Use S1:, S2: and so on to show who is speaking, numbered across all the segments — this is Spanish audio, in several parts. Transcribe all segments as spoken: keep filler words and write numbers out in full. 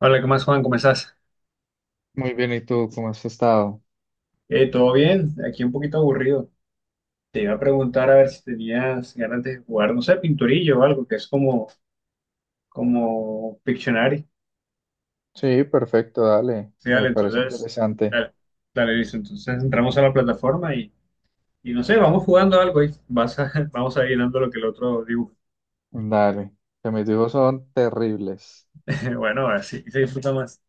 S1: Hola, ¿qué más, Juan? ¿Cómo estás?
S2: Muy bien, ¿y tú cómo has estado?
S1: Eh, ¿todo bien? Aquí un poquito aburrido. Te iba a preguntar a ver si tenías ganas de jugar, no sé, pinturillo o algo, que es como, como Pictionary.
S2: Sí, perfecto, dale.
S1: Sí,
S2: Me
S1: dale,
S2: parece
S1: entonces,
S2: interesante.
S1: dale, dale, listo. Entonces entramos a la plataforma y, y no sé, vamos jugando algo y vas a, vamos a ir dando lo que el otro dibuja.
S2: Dale. Que mis dibujos son terribles.
S1: Bueno, así se disfruta más.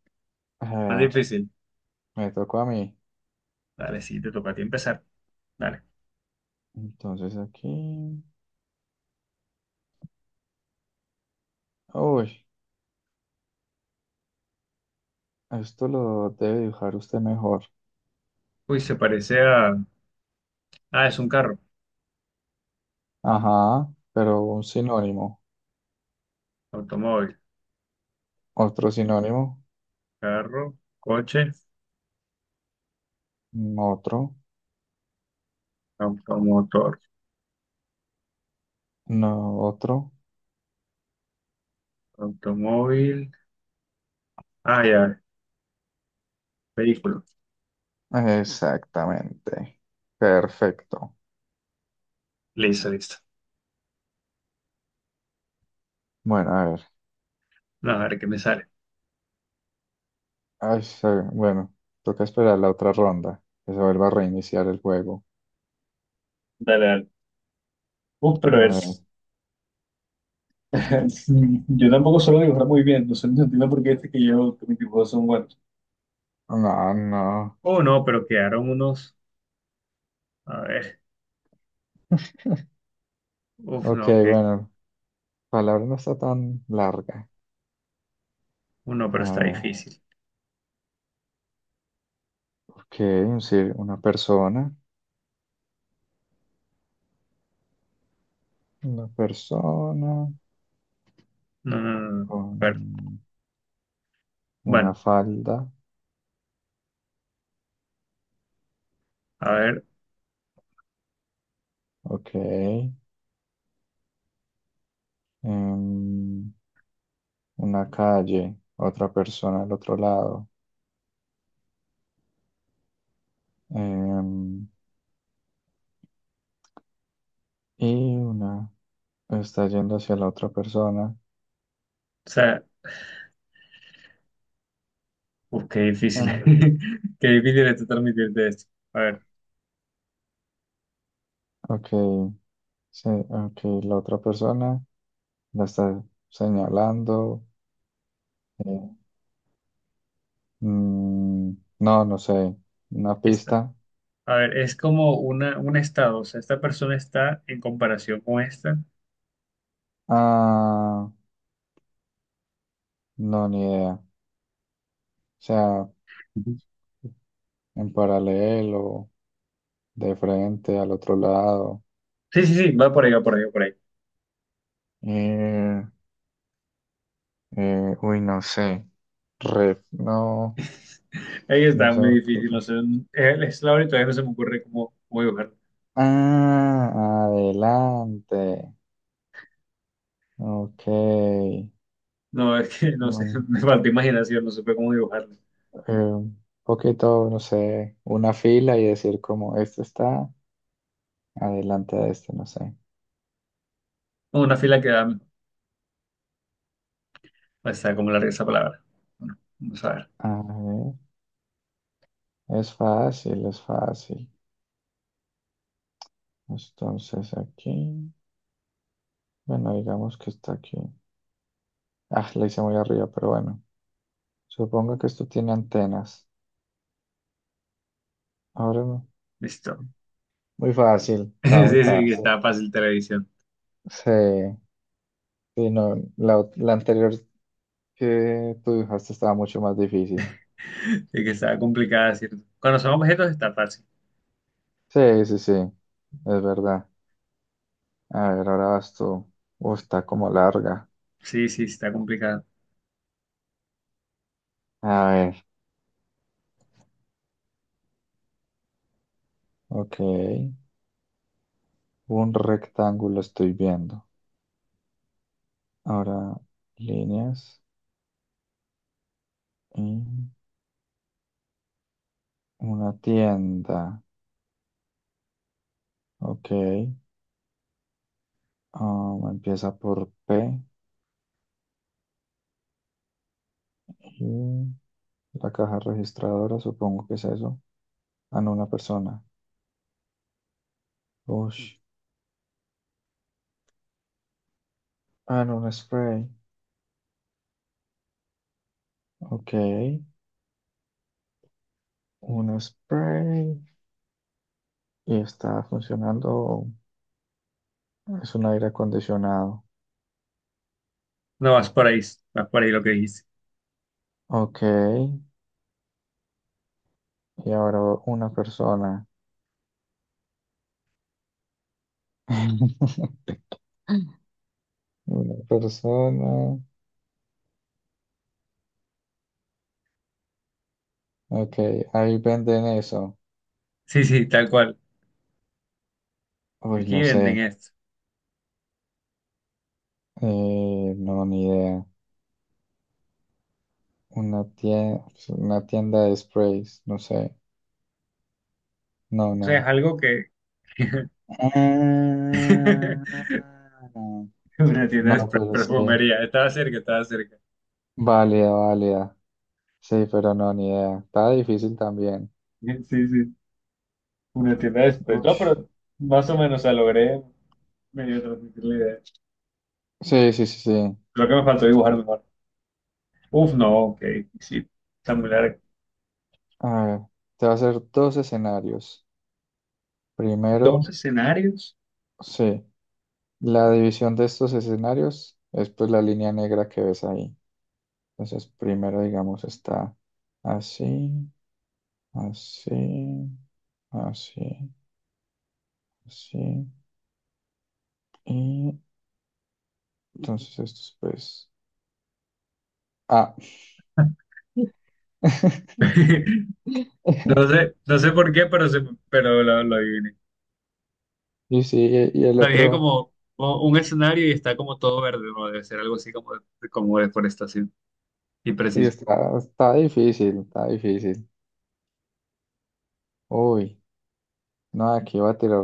S1: Más
S2: Eh,
S1: difícil.
S2: Me tocó a mí.
S1: Dale, sí, te toca a ti empezar. Dale.
S2: Entonces aquí. Uy, esto lo debe dibujar usted mejor.
S1: Uy, se parece a. Ah, es un carro.
S2: Ajá, pero un sinónimo.
S1: Automóvil.
S2: Otro sinónimo.
S1: Carro, coche,
S2: Mm, otro.
S1: automotor.
S2: No, otro.
S1: Automóvil. Ah, ya. Vehículo.
S2: Exactamente. Perfecto.
S1: Listo, listo.
S2: Bueno, a ver.
S1: No, a ver qué me sale.
S2: Ay, sí, bueno, toca esperar la otra ronda. Que se vuelva a reiniciar el juego.
S1: Dale, dale. Uh, pero
S2: A ver.
S1: es. Yo tampoco suelo dibujar muy bien, no sé, no entiendo por qué este que yo, que mis dibujos son buenos.
S2: No, no.
S1: Oh, no, pero quedaron unos. A ver. Uf,
S2: Ok,
S1: no, que.
S2: bueno. Palabra no está tan larga.
S1: Uno,
S2: A
S1: pero está
S2: ver.
S1: difícil.
S2: Ok, sí, una persona. Una persona
S1: No, no, no. No. A ver.
S2: con una
S1: Bueno,
S2: falda.
S1: a ver.
S2: Ok. Em, una calle. Otra persona al otro lado. Em, y una está yendo hacia la otra persona.
S1: O sea, uf, qué difícil.
S2: Ah,
S1: Qué difícil es transmitirte esto. A ver,
S2: ok. Sí, ok. La otra persona la está señalando. eh, Mm, no, no sé. Una
S1: esta.
S2: pista.
S1: A ver, es como una, un estado. O sea, esta persona está en comparación con esta.
S2: Ah, no, ni idea. O sea, en paralelo, de frente, al otro lado.
S1: Sí, sí, sí, va por ahí, va por ahí, va por ahí.
S2: Eh, eh, Uy, no sé. Ref, no,
S1: Ahí
S2: no
S1: está,
S2: se me
S1: muy difícil, no
S2: ocurre.
S1: sé, eh, es la hora y todavía no se me ocurre cómo, cómo dibujarlo.
S2: Ah, adelante. Ok.
S1: No, es que no sé,
S2: Mm,
S1: me falta imaginación, no supe cómo dibujarlo.
S2: eh, un poquito, no sé, una fila y decir como este está adelante de este, no sé.
S1: Como una fila que da, pues, está como larga esa palabra. Bueno, vamos a ver,
S2: Es fácil, es fácil. Entonces aquí, bueno, digamos que está aquí. Ah, la hice muy arriba, pero bueno. Supongo que esto tiene antenas. Ahora no.
S1: listo.
S2: Muy fácil, está
S1: Sí,
S2: muy
S1: sí, que
S2: fácil.
S1: está fácil televisión.
S2: Sí, sí, no, la, ot- la anterior que tú dibujaste estaba mucho más difícil.
S1: Sí, que está complicada, ¿cierto? Cuando son objetos está fácil.
S2: Sí, sí, sí, es verdad. A ver, ahora vas tú. Uh, está como larga.
S1: Sí, sí, está complicado.
S2: A ver, ok. Un rectángulo estoy viendo. Ahora líneas. Una tienda. Ok. Um, empieza por P. Y la caja registradora, supongo que es eso. Ah, no, una persona. Ush. Ah, no, un spray. Ok. Un spray. Y está funcionando. Es un aire acondicionado.
S1: No, vas por ahí, vas por ahí lo que dijiste.
S2: Ok. Y ahora una persona. Una persona. Ok. Ahí venden eso.
S1: Sí, sí, tal cual.
S2: Uy,
S1: Aquí
S2: no
S1: venden
S2: sé.
S1: esto.
S2: Eh, no, ni idea. Una tienda, una tienda de sprays, no sé. No,
S1: O sea, es
S2: no.
S1: algo que.
S2: Ah.
S1: Una tienda de
S2: No,
S1: pre-
S2: pero sí.
S1: perfumería. Estaba cerca, estaba cerca.
S2: Válida, válida. Sí, pero no, ni idea. Está difícil también.
S1: Sí, sí. Una tienda de pre- No,
S2: Ush.
S1: pero más o menos, o sea, logré medio transmitir la idea.
S2: Sí, sí, sí, sí.
S1: Creo que me faltó dibujar mejor. Uf, no, ok. Sí, está muy largo.
S2: A ver, te va a hacer dos escenarios.
S1: Dos
S2: Primero,
S1: escenarios.
S2: sí, la división de estos escenarios es pues la línea negra que ves ahí. Entonces, primero, digamos, está así, así, así. Sí. Y entonces estos, pues. Ah.
S1: No sé, no sé por qué, pero, se, pero lo, lo adiviné.
S2: Y sí, y el
S1: Lo dije
S2: otro.
S1: como como un escenario y está como todo verde, ¿no? Debe ser algo así como, de- como deforestación. Y
S2: Y
S1: preciso.
S2: está, está difícil, está difícil. Uy, no, aquí va a tirar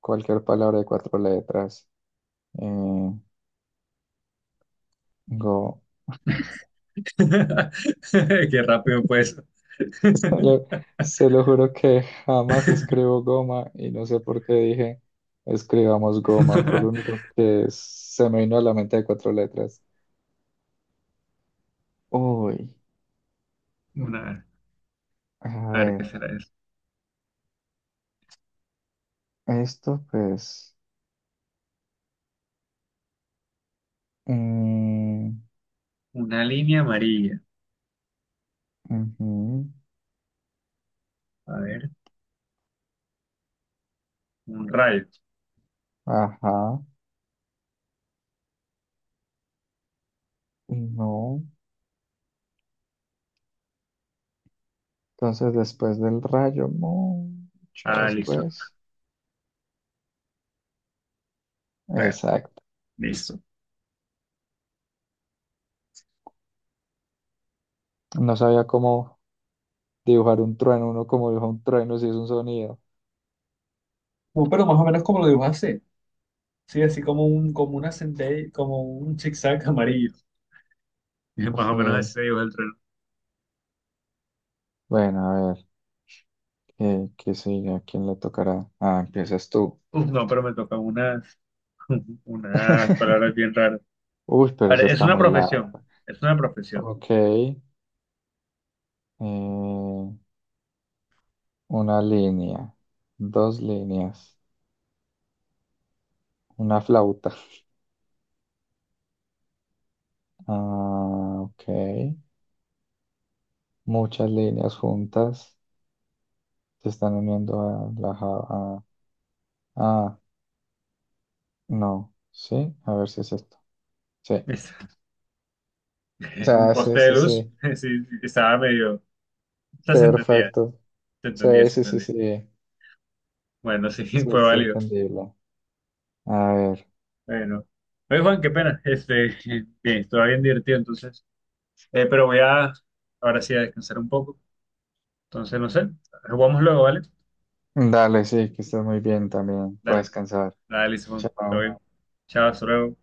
S2: cualquier palabra de cuatro letras. Eh, Go.
S1: Qué rápido, pues.
S2: Se lo juro que jamás escribo goma y no sé por qué dije escribamos goma. Fue lo único que se me vino a la mente de cuatro letras. Uy,
S1: Una.
S2: a
S1: A ver, ¿qué
S2: ver,
S1: será eso?
S2: esto pues... Mm,
S1: Una línea amarilla.
S2: ujú,
S1: A ver, un rayo.
S2: ajá, y no. Entonces, después del rayo, mucho
S1: Ah, listo.
S2: después.
S1: Bueno,
S2: Exacto.
S1: listo.
S2: No sabía cómo dibujar un trueno, uno como dibuja un trueno si es un sonido.
S1: Uh, pero más o menos como lo dibujaste. Sí, así como un, como una centella, como un zigzag amarillo. Más o menos así
S2: Sí.
S1: se dibuja el reloj.
S2: Bueno, a ver, ¿qué, qué sigue? ¿A quién le tocará? Ah, empiezas tú.
S1: Uf, no, pero me tocan unas, unas palabras bien raras.
S2: Uy, pero
S1: A
S2: eso
S1: ver, es
S2: está
S1: una
S2: muy largo.
S1: profesión. Es una profesión.
S2: Ok. Eh, una línea, dos líneas, una flauta. Ah, ok. Muchas líneas juntas se están uniendo a la Java. Ah, no. Sí, a ver si es esto. Sí.
S1: Es, un
S2: Ya, sí,
S1: poste de
S2: sí,
S1: luz.
S2: sí.
S1: Sí, sí, estaba medio. O sea, se entendía.
S2: Perfecto.
S1: Se
S2: Sí,
S1: entendía, se
S2: sí, sí,
S1: entendía.
S2: sí.
S1: Bueno, sí,
S2: Sí,
S1: fue
S2: está
S1: válido.
S2: entendible. A ver.
S1: Bueno, oye Juan, qué pena. Este, bien, estuvo bien divertido entonces. Eh, pero voy a, ahora sí, a descansar un poco. Entonces, no sé, jugamos luego, ¿vale?
S2: Dale, sí, que estés muy bien también. Voy a
S1: Dale,
S2: descansar.
S1: dale, Simón, todo
S2: Chao.
S1: bien. Chao, hasta luego.